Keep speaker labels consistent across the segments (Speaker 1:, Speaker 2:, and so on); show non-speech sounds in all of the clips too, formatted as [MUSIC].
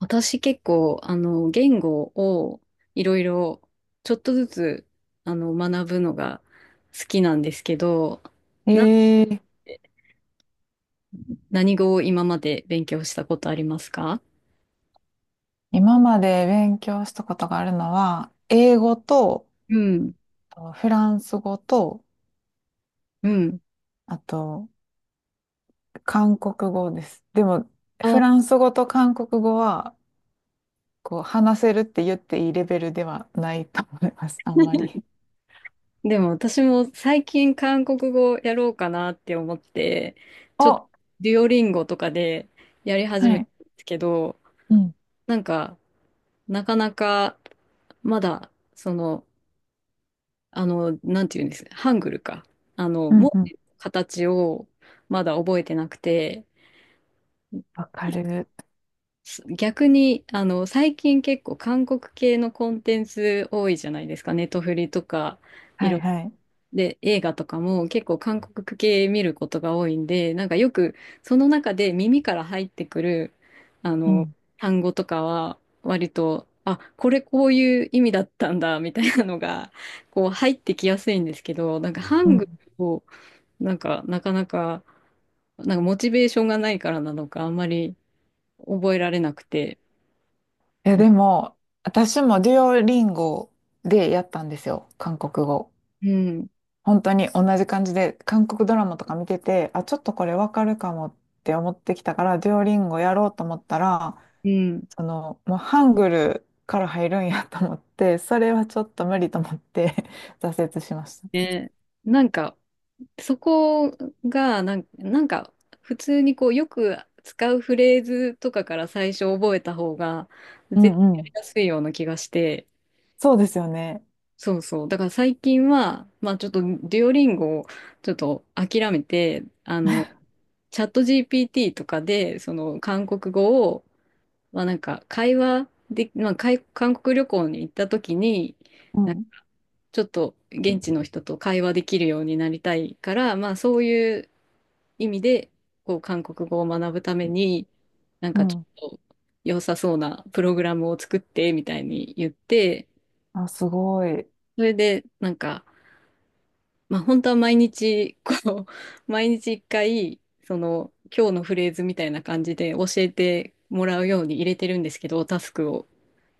Speaker 1: 私結構、言語をいろいろちょっとずつ、学ぶのが好きなんですけど、な、
Speaker 2: えー、
Speaker 1: 何語を今まで勉強したことありますか？
Speaker 2: 今まで勉強したことがあるのは、英語と、
Speaker 1: うん、
Speaker 2: フランス語と、
Speaker 1: うん。
Speaker 2: あと、韓国語です。でも、フラ
Speaker 1: あ、
Speaker 2: ンス語と韓国語は、こう、話せるって言っていいレベルではないと思います、[LAUGHS] あんま
Speaker 1: [LAUGHS]
Speaker 2: り。
Speaker 1: でも私も最近韓国語やろうかなって思って、ちょっ
Speaker 2: お、
Speaker 1: とデュオリンゴとかでやり始
Speaker 2: は
Speaker 1: めた
Speaker 2: い。
Speaker 1: んですけど、
Speaker 2: うん。
Speaker 1: なんか、なかなかまだ、その、なんていうんです、ハングルか。
Speaker 2: うん
Speaker 1: 文
Speaker 2: うん。
Speaker 1: 字の形をまだ覚えてなくて、
Speaker 2: わかる。
Speaker 1: 逆に、最近結構韓国系のコンテンツ多いじゃないですか。ネトフリとか、い
Speaker 2: はい
Speaker 1: ろ
Speaker 2: はい。
Speaker 1: で、映画とかも結構韓国系見ることが多いんで、なんかよくその中で耳から入ってくる、あ
Speaker 2: う
Speaker 1: の、
Speaker 2: ん。
Speaker 1: 単語とかは割と、あ、これこういう意味だったんだ、みたいなのが、こう入ってきやすいんですけど、なんかハ
Speaker 2: う
Speaker 1: ン
Speaker 2: ん。い
Speaker 1: グルを、なんかなかなか、なんかモチベーションがないからなのか、あんまり覚えられなくて。
Speaker 2: や、
Speaker 1: うん
Speaker 2: でも、私もデュオリンゴでやったんですよ、韓国語。
Speaker 1: うん。
Speaker 2: 本当に同じ感じで、韓国ドラマとか見てて、あ、ちょっとこれわかるかもって思ってきたから、デュオリンゴやろうと思ったら、もうハングルから入るんやと思って、それはちょっと無理と思って [LAUGHS] 挫折しました。
Speaker 1: ね。なんか、そこが、なんか、普通にこう、よく使うフレーズとかから最初覚えた方が、
Speaker 2: う
Speaker 1: 絶対
Speaker 2: んう
Speaker 1: やり
Speaker 2: ん。
Speaker 1: やすいような気がして。
Speaker 2: そうですよね。
Speaker 1: そうそう。だから最近は、まあちょっと、デュオリンゴをちょっと諦めて、チャット GPT とかで、その、韓国語を、まあなんか、会話で、まあ、韓国旅行に行った時に、
Speaker 2: うん。
Speaker 1: ちょっと現地の人と会話できるようになりたいから、まあそういう意味で、こう韓国語を学ぶために、なん
Speaker 2: う
Speaker 1: かちょ
Speaker 2: ん。
Speaker 1: っと良さそうなプログラムを作ってみたいに言って、
Speaker 2: あ、すごい。
Speaker 1: それでなんか、まあ本当は毎日、こう、[LAUGHS] 毎日一回、その今日のフレーズみたいな感じで教えてもらうように入れてるんですけど、タスクを。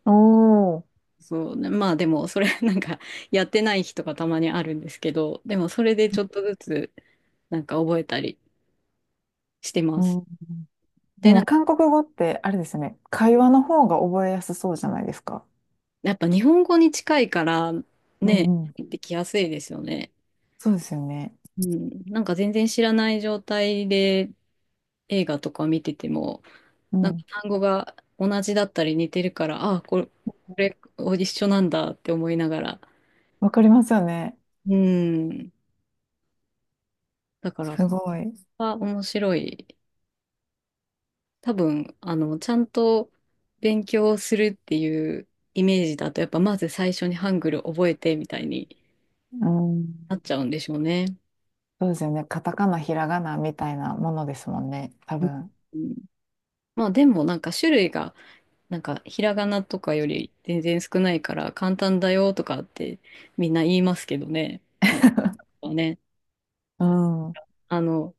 Speaker 2: おー。
Speaker 1: そうね。まあでも、それ [LAUGHS] なんかやってない日とかたまにあるんですけど、でもそれでちょっとずつなんか覚えたりしてま
Speaker 2: う
Speaker 1: す。
Speaker 2: ん。で
Speaker 1: で、な
Speaker 2: も
Speaker 1: んか
Speaker 2: 韓国語ってあれですよね。会話の方が覚えやすそうじゃないですか。
Speaker 1: やっぱ日本語に近いから
Speaker 2: う
Speaker 1: ね、
Speaker 2: んうん。
Speaker 1: 入ってきやすいですよね。
Speaker 2: そうですよね。
Speaker 1: うん。なんか全然知らない状態で映画とか見てても、
Speaker 2: う
Speaker 1: なんか
Speaker 2: ん。
Speaker 1: 単語が同じだったり似てるから、ああ、れ、これ一緒なんだって思いながら。
Speaker 2: わかりますよね。
Speaker 1: うん。だから、
Speaker 2: すごい。
Speaker 1: 面白い。多分、ちゃんと勉強するっていうイメージだと、やっぱまず最初にハングル覚えてみたいに
Speaker 2: うん。
Speaker 1: なっちゃうんでしょうね。
Speaker 2: そうですよね。カタカナ、ひらがなみたいなものですもんね。多分。
Speaker 1: うん。まあでもなんか種類が、なんかひらがなとかより全然少ないから簡単だよとかってみんな言いますけどね。いね。
Speaker 2: うん。う
Speaker 1: あの、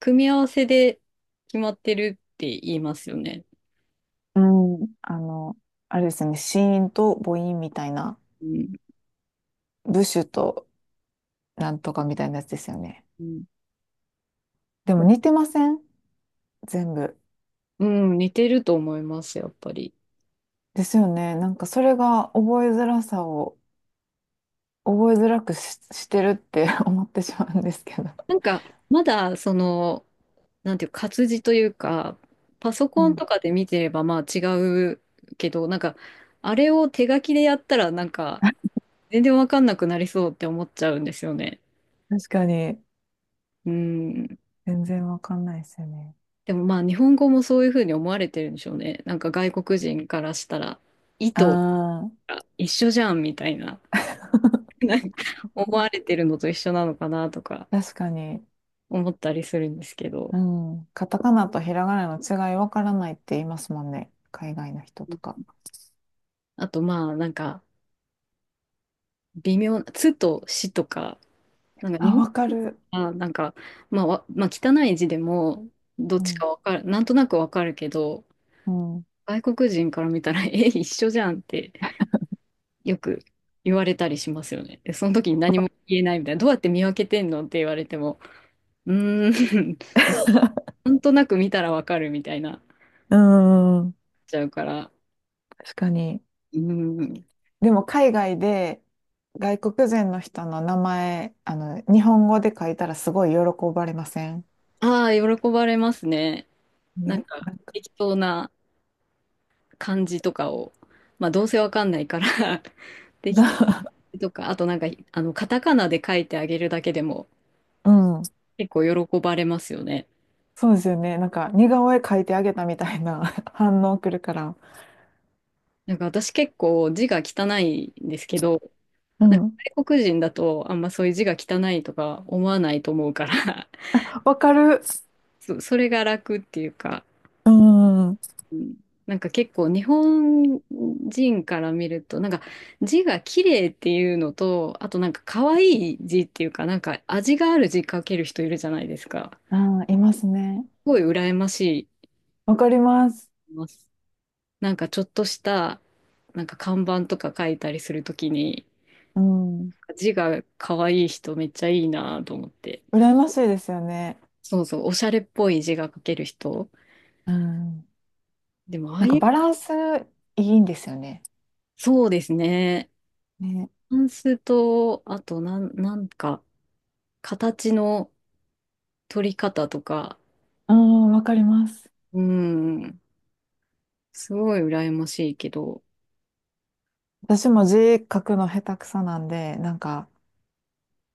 Speaker 1: 組み合わせで決まってるって言いますよね。
Speaker 2: ん。あれですよね。子音と母音みたいな。
Speaker 1: うん。
Speaker 2: 部首となんとかみたいなやつですよね。
Speaker 1: うん、
Speaker 2: でも似てません全部。
Speaker 1: うん似てると思います、やっぱり。
Speaker 2: ですよね。なんかそれが覚えづらさを覚えづらくし、してるって [LAUGHS] 思ってしまうんですけど。
Speaker 1: なんか、まだ、その、なんていうか、活字というか、パソ
Speaker 2: う
Speaker 1: コン
Speaker 2: ん。
Speaker 1: とかで見てれば、まあ違うけど、なんか、あれを手書きでやったら、なんか、全然わかんなくなりそうって思っちゃうんですよね。
Speaker 2: 確かに。
Speaker 1: うん。
Speaker 2: 全然わかんないですよね。
Speaker 1: でもまあ、日本語もそういうふうに思われてるんでしょうね。なんか、外国人からしたら、意
Speaker 2: あ
Speaker 1: 図
Speaker 2: あ。
Speaker 1: が一緒じゃん、みたいな、[LAUGHS]
Speaker 2: [LAUGHS]
Speaker 1: なんか思われてるのと一緒なのかな、とか、
Speaker 2: 確かに。
Speaker 1: 思ったりするんですけど。
Speaker 2: うん。カタカナとひらがなの違いわからないって言いますもんね。海外の人とか。
Speaker 1: あと、まあ、なんか、微妙な、つとしとか、なんか
Speaker 2: あ、
Speaker 1: 日
Speaker 2: わかる。
Speaker 1: 本はなんか、まあ、まあ、汚い字でもどっ
Speaker 2: う
Speaker 1: ちか
Speaker 2: ん。
Speaker 1: わかる、なんとなくわかるけど、
Speaker 2: うん。う
Speaker 1: 外国人から見たら、[LAUGHS] え、一緒じゃんってよく言われたりしますよね。で、その時に何も言えないみたいな、どうやって見分けてんのって言われても、うーん、[LAUGHS] なんとなく見たらわかるみたいな、
Speaker 2: ーん。
Speaker 1: ちゃうから、
Speaker 2: 確かに。
Speaker 1: うーん、
Speaker 2: でも海外で外国人の人の名前、日本語で書いたらすごい喜ばれません
Speaker 1: ああ、喜ばれますね。なん
Speaker 2: ね。な
Speaker 1: か
Speaker 2: んか、
Speaker 1: 適当な感じとかを、まあ、どうせわかんないから [LAUGHS] 適
Speaker 2: [LAUGHS]
Speaker 1: とか、あとなんか、カタカナで書いてあげるだけでも
Speaker 2: うん。
Speaker 1: 結構喜ばれますよね。
Speaker 2: そうですよね。なんか似顔絵描いてあげたみたいな [LAUGHS] 反応くるから。
Speaker 1: なんか私結構字が汚いんですけど、
Speaker 2: う
Speaker 1: なんか
Speaker 2: ん。
Speaker 1: 外国人だとあんまそういう字が汚いとか思わないと思うから
Speaker 2: わかる。
Speaker 1: [LAUGHS] それが楽っていうか、
Speaker 2: うん。
Speaker 1: うん。なんか結構日本人から見ると、なんか字が綺麗っていうのと、あとなんか可愛い字っていうか、なんか味がある字書ける人いるじゃないですか。す
Speaker 2: あー、いますね。
Speaker 1: ごい羨まし
Speaker 2: わかります。
Speaker 1: い。なんかちょっとした、なんか看板とか書いたりするときに、
Speaker 2: うん。
Speaker 1: 字が可愛い人めっちゃいいなと思って。
Speaker 2: 羨ましいですよね。
Speaker 1: そうそう、おしゃれっぽい字が書ける人。
Speaker 2: うん。
Speaker 1: でも、ああ
Speaker 2: なんか
Speaker 1: いう、
Speaker 2: バランスいいんですよね。
Speaker 1: そうですね。
Speaker 2: ね。
Speaker 1: タンスと、あと、なんか、形の取り方とか、
Speaker 2: うん、わかります。
Speaker 1: うん、すごい羨ましいけど、
Speaker 2: 私も字書くの下手くそなんで、なんか、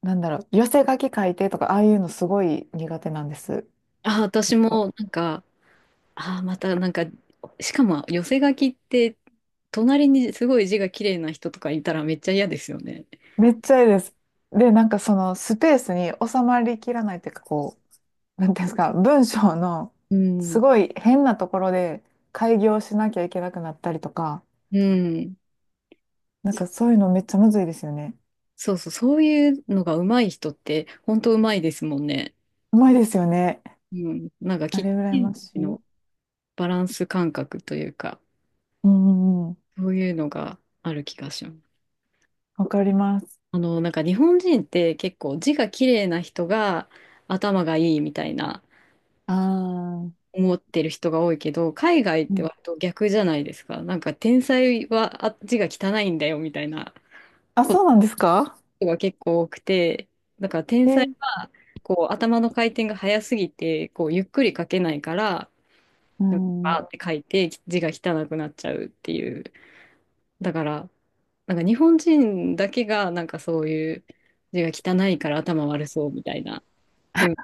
Speaker 2: なんだろう、寄せ書き書いてとか、ああいうのすごい苦手なんです。
Speaker 1: あ、私も、なんか、あ、また、なんか、しかも、寄せ書きって、隣にすごい字が綺麗な人とかいたらめっちゃ嫌ですよね。
Speaker 2: めっちゃいいです。で、なんかそのスペースに収まりきらないっていうか、なんていうんですか、文章の
Speaker 1: う
Speaker 2: す
Speaker 1: ん、
Speaker 2: ごい変なところで改行しなきゃいけなくなったりとか、
Speaker 1: うん。
Speaker 2: なん
Speaker 1: そ、
Speaker 2: かそういうのめっちゃむずいですよね。
Speaker 1: そうそう、そういうのが上手い人って、本当上手いですもんね。
Speaker 2: うまいですよね。
Speaker 1: うん。なんか、
Speaker 2: あ
Speaker 1: キッ
Speaker 2: れ羨
Speaker 1: チ
Speaker 2: まし
Speaker 1: ン
Speaker 2: い。
Speaker 1: のバランス感覚というか、
Speaker 2: うんうん、
Speaker 1: そういうのがある気がします。
Speaker 2: わかります。
Speaker 1: なんか日本人って結構字が綺麗な人が頭がいいみたいな
Speaker 2: ああ、
Speaker 1: 思ってる人が多いけど、海外っ
Speaker 2: う
Speaker 1: て
Speaker 2: ん、
Speaker 1: 割と逆じゃないですか。なんか天才は字が汚いんだよみたいな。
Speaker 2: あ、そうなんですか。
Speaker 1: 人が結構多くて、だから天才
Speaker 2: え、
Speaker 1: はこう頭の回転が速すぎてこうゆっくり書けないから、
Speaker 2: う
Speaker 1: なんかバ
Speaker 2: ん、
Speaker 1: ーって書いて字が汚くなっちゃうっていう。だからなんか日本人だけがなんかそういう字が汚いから頭悪そうみたいな。うん、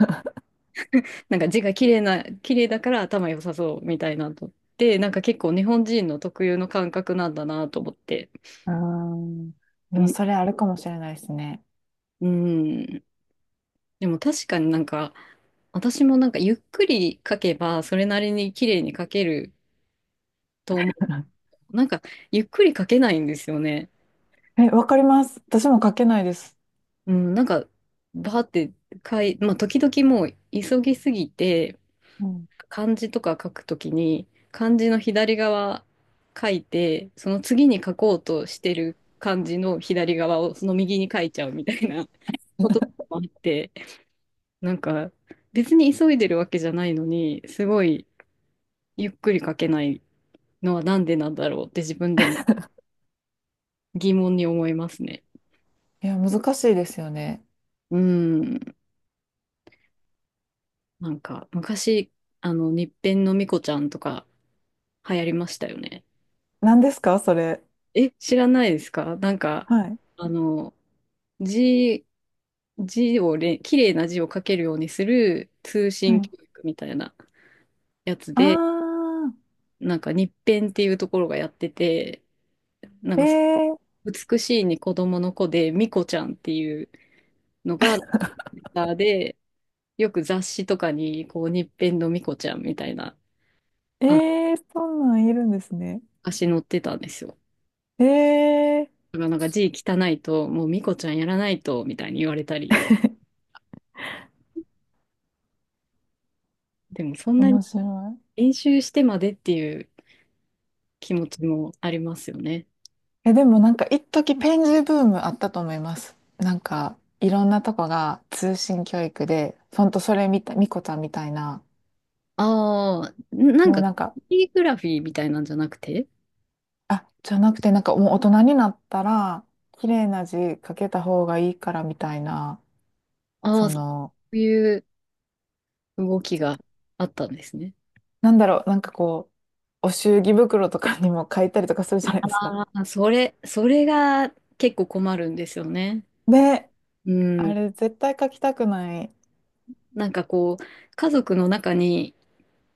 Speaker 1: なんか字が綺麗だから頭良さそうみたいなとって、なんか結構日本人の特有の感覚なんだなと思って。
Speaker 2: あー。で
Speaker 1: う
Speaker 2: も
Speaker 1: ん。
Speaker 2: それあるかもしれないですね。
Speaker 1: うんでも確かになんか、私もなんかゆっくり書けば、それなりに綺麗に書けると思
Speaker 2: [LAUGHS]
Speaker 1: う。なんか、ゆっくり書けないんですよね。
Speaker 2: え、わかります。私も書けないです。
Speaker 1: うん、なんか、バーってまあ、時々もう急ぎすぎて、
Speaker 2: うん。
Speaker 1: 漢字とか書くときに、漢字の左側書いて、その次に書こうとしてる漢字の左側をその右に書いちゃうみたいな [LAUGHS] こともあって、なんか、別に急いでるわけじゃないのに、すごいゆっくり書けないのはなんでなんだろうって自分でも疑問に思いますね。
Speaker 2: いや、難しいですよね。
Speaker 1: うん。なんか、昔、日編のみこちゃんとか流行りましたよね。
Speaker 2: 何ですかそれ。
Speaker 1: え、知らないですかなんか、
Speaker 2: はい。
Speaker 1: あの、字、字を綺麗な字を書けるようにする通
Speaker 2: は
Speaker 1: 信
Speaker 2: い。
Speaker 1: 教育みたいなやつで、
Speaker 2: あ
Speaker 1: なんか日編っていうところがやってて、なん
Speaker 2: あ、
Speaker 1: か、
Speaker 2: えー、
Speaker 1: 美しいに子供の子で、みこちゃんっていうのが、ツイッターで、よく雑誌とかに、こう、日編のミコちゃんみたいな
Speaker 2: えー、そんなんいるんですね。
Speaker 1: 足載ってたんですよ。
Speaker 2: えー、
Speaker 1: だからなんか字汚いと、もうミコちゃんやらないと、みたいに言われたり。でもそんなに
Speaker 2: 面白い。
Speaker 1: 練習してまでっていう気持ちもありますよね。
Speaker 2: え、でもなんか一時ペン字ブームあったと思います。なんかいろんなとこが通信教育で、ほんとそれみたい、みこちゃんみたいな、
Speaker 1: ああ、なん
Speaker 2: もう
Speaker 1: か、
Speaker 2: なんか、
Speaker 1: キーグラフィーみたいなんじゃなくて、
Speaker 2: あ、じゃなくてなんかもう大人になったら、綺麗な字書けた方がいいからみたいな、
Speaker 1: あ
Speaker 2: そ
Speaker 1: あ、そ
Speaker 2: の、
Speaker 1: ういう動きがあったんですね。
Speaker 2: なんだろう、なんか、お祝儀袋とかにも書いたりとかするじゃないですか。
Speaker 1: ああ、それが結構困るんですよね。
Speaker 2: で、
Speaker 1: う
Speaker 2: あ
Speaker 1: ん。
Speaker 2: れ絶対書きたくない。
Speaker 1: なんかこう、家族の中に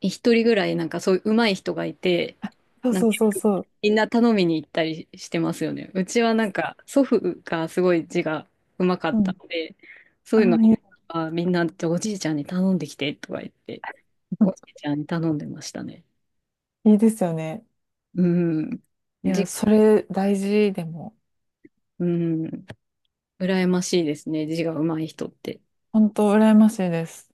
Speaker 1: 一人ぐらいなんかそういう上手い人がいて、
Speaker 2: そう
Speaker 1: なん
Speaker 2: そ
Speaker 1: か
Speaker 2: うそうそう。
Speaker 1: みんな頼みに行ったりしてますよね。うちはなんか祖父がすごい字が上手か
Speaker 2: う
Speaker 1: った
Speaker 2: ん。
Speaker 1: ので、そう
Speaker 2: あ
Speaker 1: いうの
Speaker 2: あ、い
Speaker 1: はみんなおじいちゃんに頼んできてとか言って、おじいちゃんに頼んでましたね。
Speaker 2: い、いいですよね。
Speaker 1: うん。
Speaker 2: いや、
Speaker 1: じ、
Speaker 2: それ大事でも。
Speaker 1: うん。羨ましいですね。字が上手い人って。
Speaker 2: 本当羨ましいです。